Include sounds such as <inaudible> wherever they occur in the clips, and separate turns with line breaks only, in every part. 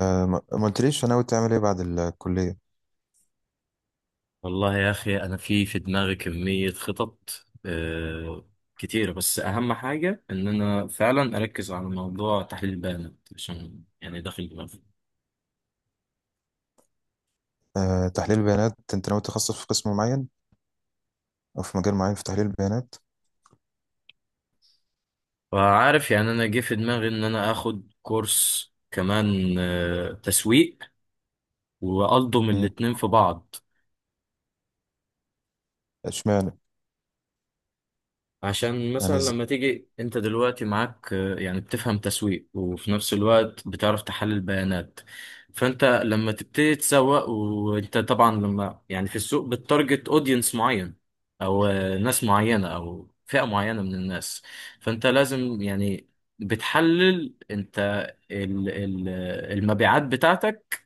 ما قلتليش ناوي تعمل ايه بعد الكلية؟
والله يا أخي، أنا في دماغي كمية خطط كتيرة، بس أهم حاجة إن أنا فعلا أركز على موضوع تحليل البيانات، عشان يعني داخل دماغي.
تحليل البيانات، انت ناوي تخصص في قسم معين او في مجال معين في تحليل البيانات؟
فعارف، يعني أنا جه في دماغي إن أنا آخد كورس كمان تسويق وألضم
مم،
الاتنين في بعض.
اشمعنى؟
عشان
يعني
مثلا
ازاي؟
لما تيجي انت دلوقتي معاك يعني بتفهم تسويق، وفي نفس الوقت بتعرف تحلل بيانات. فانت لما تبتدي تسوق، وانت طبعا لما يعني في السوق بتتارجت اودينس معين، او ناس معينة او فئة معينة من الناس، فانت لازم يعني بتحلل انت ال- ال- المبيعات بتاعتك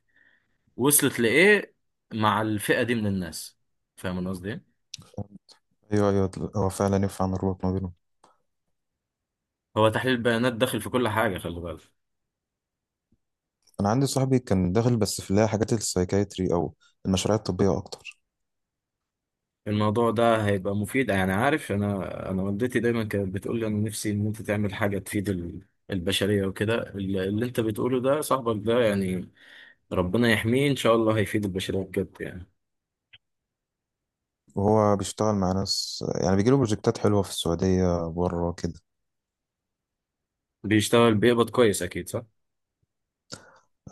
وصلت لإيه مع الفئة دي من الناس. فاهم أنا قصدي؟ ايه؟
ايوه ايوه، هو فعلا ينفع نربط ما بينهم.
هو تحليل البيانات داخل في كل حاجة، خلي بالك.
انا عندي صاحبي كان داخل بس في اللي هي حاجات السايكايتري او المشاريع الطبية اكتر.
الموضوع ده هيبقى مفيد، يعني عارف، انا والدتي دايما كانت بتقول لي، انا نفسي ان انت تعمل حاجه تفيد البشريه، وكده اللي انت بتقوله ده، صاحبك ده يعني ربنا يحميه، ان شاء الله هيفيد البشريه بجد يعني.
وهو بيشتغل مع ناس، يعني بيجيله بروجكتات حلوة في السعودية بره كده.
بيشتغل بيقبض كويس، اكيد صح.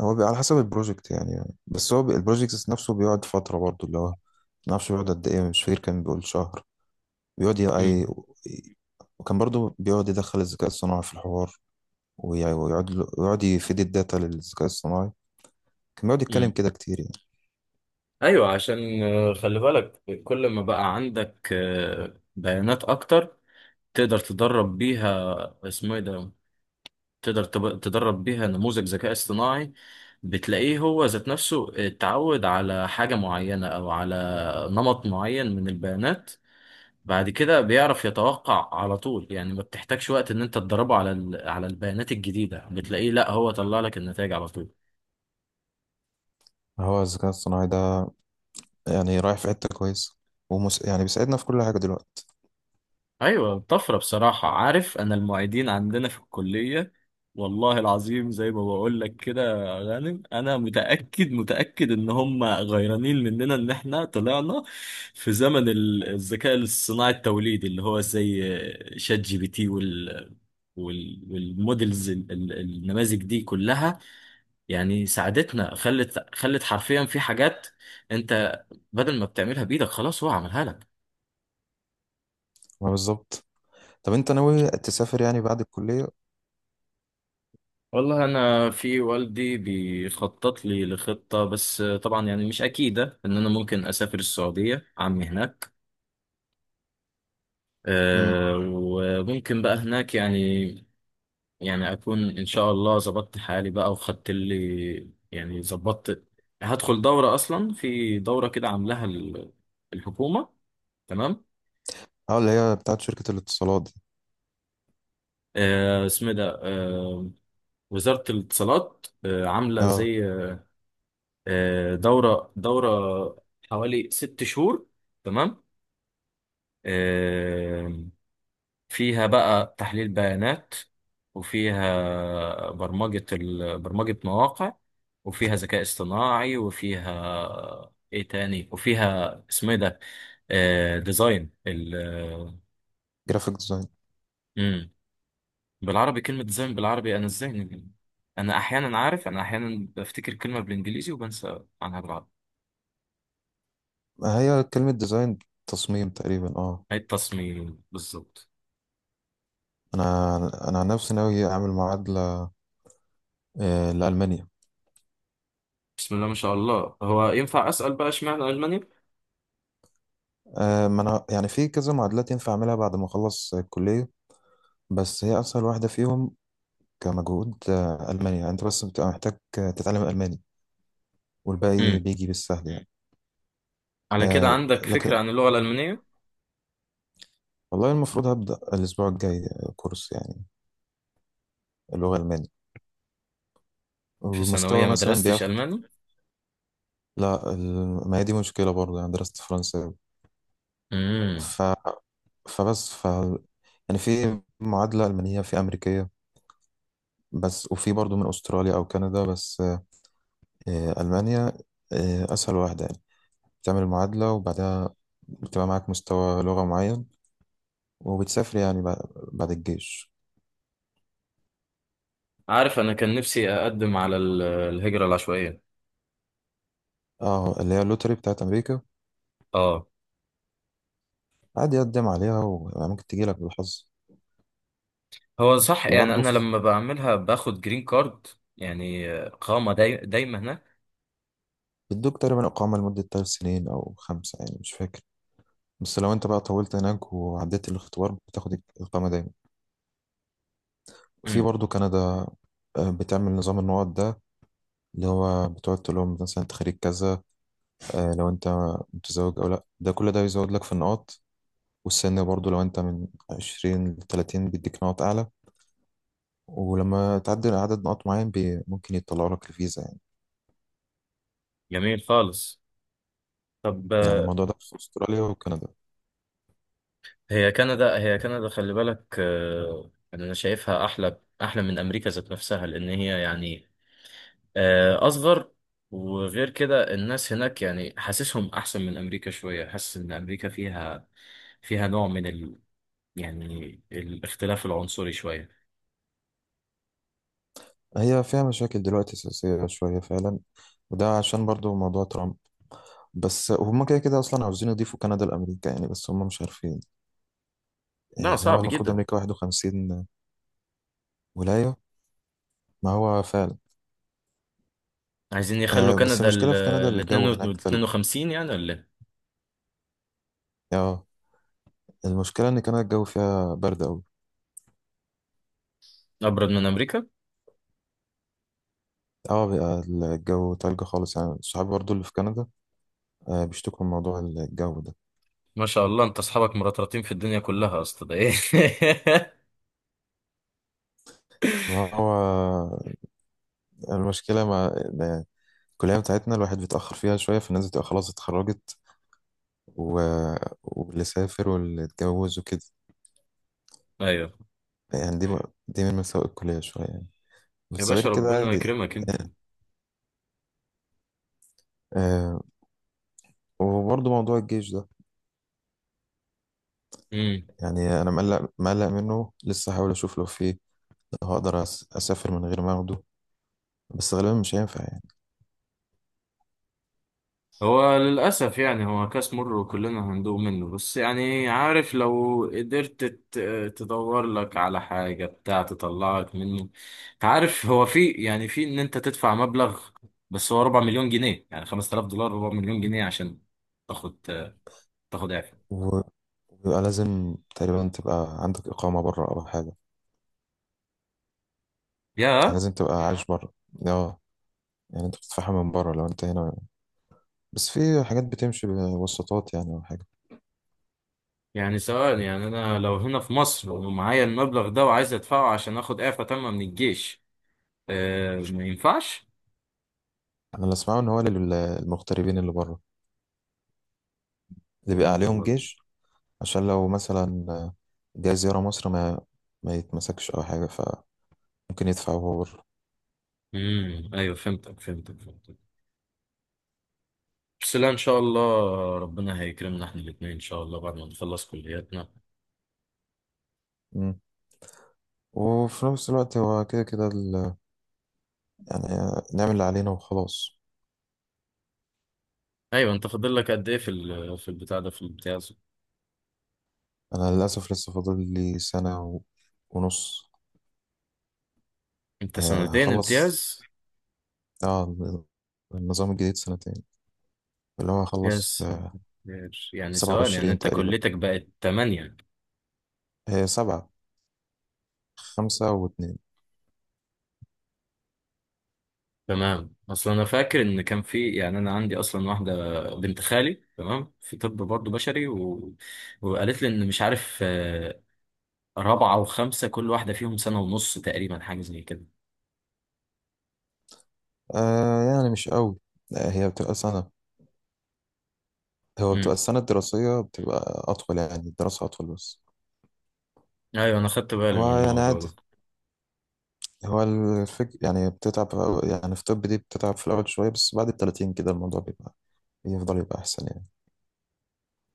هو على حسب البروجكت يعني، بس هو البروجكت نفسه بيقعد فترة برضه، اللي هو ما اعرفش بيقعد قد ايه، مش فاكر، كان بيقول شهر. بيقعد ي- أي...
امم.
وكان برضو بيقعد يدخل الذكاء الصناعي في الحوار، ويقعد يفيد الداتا للذكاء الصناعي. كان بيقعد يتكلم
امم.
كده كتير يعني.
ايوه، عشان خلي بالك، كل ما بقى عندك بيانات اكتر، تقدر تدرب بيها اسمه ايه ده، تقدر تدرب بيها نموذج ذكاء اصطناعي. بتلاقيه هو ذات نفسه اتعود على حاجة معينة أو على نمط معين من البيانات. بعد كده بيعرف يتوقع على طول، يعني ما بتحتاجش وقت إن أنت تدربه على على البيانات الجديدة، بتلاقيه لا، هو طلع لك النتائج على طول.
هو الذكاء الصناعي ده يعني رايح في حتة كويسة، يعني بيساعدنا في كل حاجة دلوقتي.
ايوه، طفره بصراحه. عارف انا المعيدين عندنا في الكليه، والله العظيم زي ما بقول لك كده يا غانم، انا متاكد متاكد ان هم غيرانين مننا، ان احنا طلعنا في زمن الذكاء الصناعي التوليدي، اللي هو زي شات جي بي تي والمودلز النماذج دي كلها، يعني ساعدتنا. خلت حرفيا في حاجات انت بدل ما بتعملها بايدك، خلاص هو عملها لك.
ما بالظبط. طب انت ناوي تسافر يعني بعد الكلية؟
والله انا في والدي بيخطط لي لخطه، بس طبعا يعني مش اكيده ان انا ممكن اسافر السعوديه، عمي هناك.
امم.
أه، وممكن بقى هناك يعني، يعني اكون ان شاء الله ظبطت حالي بقى، وخدت لي يعني ظبطت. هدخل دوره، اصلا في دوره كده عاملاها الحكومه. تمام.
اه، اللي هي بتاعت شركة الاتصالات دي.
أه، اسمه إيه ده؟ أه، وزاره الاتصالات، أه عامله
اه.
زي دورة حوالي 6 شهور. تمام. آه، فيها بقى تحليل بيانات، وفيها برمجة برمجة مواقع، وفيها ذكاء اصطناعي، وفيها ايه تاني، وفيها اسمه ايه ده، ديزاين ال.
جرافيك ديزاين.
مم. بالعربي كلمة ديزاين، بالعربي انا ازاي انا احيانا عارف، انا احيانا بفتكر كلمة بالانجليزي وبنسى عنها بالعربي.
ما هي كلمة ديزاين تصميم تقريبا، اه.
هي التصميم بالظبط.
انا عن نفسي ناوي اعمل معادلة، لألمانيا.
بسم الله ما شاء الله. هو ينفع أسأل بقى اشمعنى ألمانيا؟
ما انا يعني في كذا معادلات ينفع اعملها بعد ما اخلص الكليه، بس هي اسهل واحده فيهم كمجهود. المانيا يعني انت بس بتبقى محتاج تتعلم الماني، والباقي
امم.
بيجي بالسهل يعني.
على كده عندك
لكن
فكرة عن اللغة الألمانية؟
والله المفروض هبدا الاسبوع الجاي كورس يعني اللغه الالمانيه،
في ثانوية
والمستوى
ما
مثلا
درستش
بياخد.
ألماني؟
لا، ما هي دي مشكله برضه، يعني درست فرنسا.
امم.
ف... فبس ف يعني في معادله المانيه، في امريكيه بس، وفي برضه من استراليا او كندا بس. المانيا اسهل واحده يعني. تعمل المعادلة وبعدها بتبقى معاك مستوى لغة معين، وبتسافر يعني بعد بعد الجيش.
عارف أنا كان نفسي أقدم على الهجرة العشوائية.
اه، اللي هي اللوتري بتاعت أمريكا.
آه.
عادي يقدم عليها وممكن تجيلك بالحظ.
هو صح، يعني
وبرضه
أنا
في-
لما بعملها باخد جرين كارد، يعني قامة دايمة هناك.
بيدوك تقريبا إقامة لمدة تلات سنين أو خمسة، يعني مش فاكر. بس لو أنت بقى طولت هناك وعديت الاختبار بتاخد الإقامة دايما. في
امم.
برضه كندا، بتعمل نظام النقط ده، اللي هو بتقعد تقول لهم مثلا أنت خريج كذا، لو أنت متزوج أو لأ، ده كل ده بيزود لك في النقط. والسن برضو، لو انت من 20 ل 30 بيديك نقط اعلى. ولما تعدي عدد نقط معين بي ممكن يطلعوا لك الفيزا يعني.
جميل خالص. طب
يعني الموضوع ده في استراليا وكندا.
هي كندا، خلي بالك يعني أنا شايفها أحلى أحلى من أمريكا ذات نفسها، لأن هي يعني اصغر، وغير كده الناس هناك، يعني حاسسهم احسن من امريكا شويه، حاسس ان امريكا فيها نوع من يعني الاختلاف العنصري شويه.
هي فيها مشاكل دلوقتي سياسية شوية فعلا، وده عشان برضو موضوع ترامب. بس هم كده كده اصلا عاوزين يضيفوا كندا لامريكا يعني، بس هم مش عارفين.
لا،
يعني هو
صعب
المفروض
جدا.
امريكا 51 ولاية، ما هو فعلا.
عايزين يخلوا
آه، بس
كندا ال
المشكلة في كندا
ال
الجو هناك تلج.
52 يعني، ولا إيه؟
اه، المشكلة ان كندا الجو فيها برد.
ابرد من امريكا.
اه، بيبقى الجو تلج خالص يعني. صحابي برضو اللي في كندا بيشتكوا من موضوع الجو ده.
ما شاء الله، انت اصحابك مرطرطين في الدنيا كلها اصلا؟ ده ايه!
ما هو المشكلة مع الكلية بتاعتنا الواحد بيتأخر فيها شوية، فالناس بتبقى خلاص اتخرجت و... واللي سافر واللي اتجوز وكده.
<laughs> ايوه.
يعني دي من مساوئ الكلية شوية يعني،
يا
بس غير
باشا
كده
ربنا
عادي.
يكرمك انت.
آه. وبرضه موضوع الجيش ده،
مم.
يعني أنا مقلق منه لسه. هحاول أشوف لو في أسافر من غير ما أخده، بس غالبا مش هينفع.
هو للأسف يعني هو كاس مر، وكلنا هندوق منه، بس يعني عارف لو قدرت تدور لك على حاجة بتاع تطلعك منه. انت عارف هو في، يعني في ان انت تدفع مبلغ، بس هو 4 مليون جنيه، يعني 5000 دولار، 4 مليون جنيه، عشان تاخد تاخد اعفاء.
يعني بيبقى لازم تقريبا تبقى عندك إقامة بره أو حاجة، يعني
يا
لازم تبقى عايش بره. اه، يعني انت بتدفعها من بره لو انت هنا، بس في حاجات بتمشي بواسطات يعني او حاجة.
يعني ثواني، يعني انا لو هنا في مصر ومعايا المبلغ ده وعايز ادفعه عشان اخد اعفاء تامة من الجيش، أه ما ينفعش؟
انا اللي اسمعه ان هو للمغتربين اللي بره اللي بيبقى عليهم جيش، عشان لو مثلا جاي زيارة مصر ما يتمسكش او حاجة، فممكن يدفع وهو بره.
امم. ايوه، فهمتك فهمتك فهمتك. بس لا، ان شاء الله ربنا هيكرمنا احنا الاثنين ان شاء الله بعد ما نخلص كلياتنا.
مم. وفي نفس الوقت هو كده كده يعني نعمل اللي علينا وخلاص.
ايوه، انت فاضل لك قد ايه في في البتاع ده، في الامتياز؟
انا للاسف لسه فاضل لي سنة ونص.
انت سنتين
هخلص.
امتياز؟
اه، النظام الجديد سنتين، اللي هو هخلص في
يس. يعني
سبعة
سواء، يعني
وعشرين
انت
تقريبا.
كليتك بقت تمانية.
هي سبعة، خمسة واتنين.
تمام، اصلا انا فاكر ان كان في، يعني انا عندي اصلا واحده بنت خالي، تمام، في طب برضه بشري، وقالت لي ان مش عارف رابعه وخمسه كل واحده فيهم سنه ونص تقريبا، حاجه زي كده.
آه يعني مش قوي. لا، هي بتبقى سنة. هو بتبقى
امم.
السنة الدراسية بتبقى أطول، يعني الدراسة أطول بس.
ايوه، انا خدت بالي
هو
من
يعني
الموضوع
عادي.
ده.
هو الفكر يعني، بتتعب يعني في طب دي بتتعب في الأول شوية، بس بعد التلاتين كده الموضوع بيبقى يفضل يبقى أحسن يعني.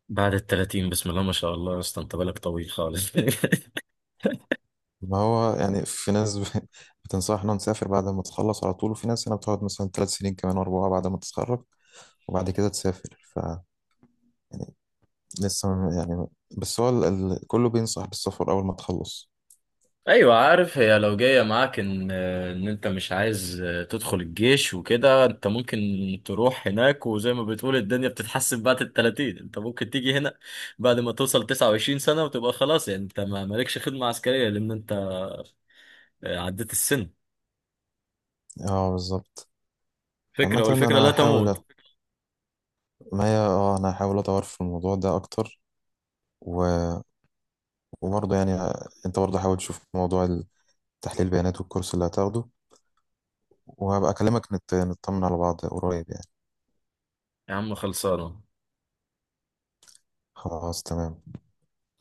بعد التلاتين، بسم الله ما شاء الله، يا اسطى انت بالك طويل خالص. <laughs>
ما هو يعني في ناس <laughs> بتنصحنا نسافر بعد ما تخلص على طول، وفي ناس هنا بتقعد مثلا تلات سنين كمان أربعة بعد ما تتخرج وبعد كده تسافر. يعني يعني، بس هو كله بينصح بالسفر أول ما تخلص.
ايوه، عارف، هي لو جايه معاك ان انت مش عايز تدخل الجيش وكده، انت ممكن تروح هناك، وزي ما بتقول الدنيا بتتحسن بعد ال 30، انت ممكن تيجي هنا بعد ما توصل 29 سنه، وتبقى خلاص، يعني انت ما مالكش خدمه عسكريه لان انت عديت السن.
اه بالظبط.
فكره،
عامة
والفكره
أنا
لا
هحاول،
تموت.
ما هي اه أنا هحاول أدور في الموضوع ده أكتر و... وبرضه يعني أنت برضه حاول تشوف موضوع تحليل البيانات والكورس اللي هتاخده، وهبقى نطمن على بعض قريب يعني.
يا عم خلصانه.
خلاص تمام.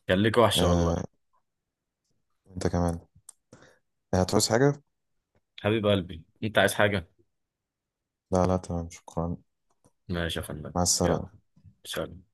كان ليك وحشه
آه...
والله.
أنت كمان. هتعوز حاجة؟
حبيب قلبي، انت عايز حاجه؟
لا لا تمام شكرا.
ماشي يا فندم.
مع السلامة.
يلا. سلام.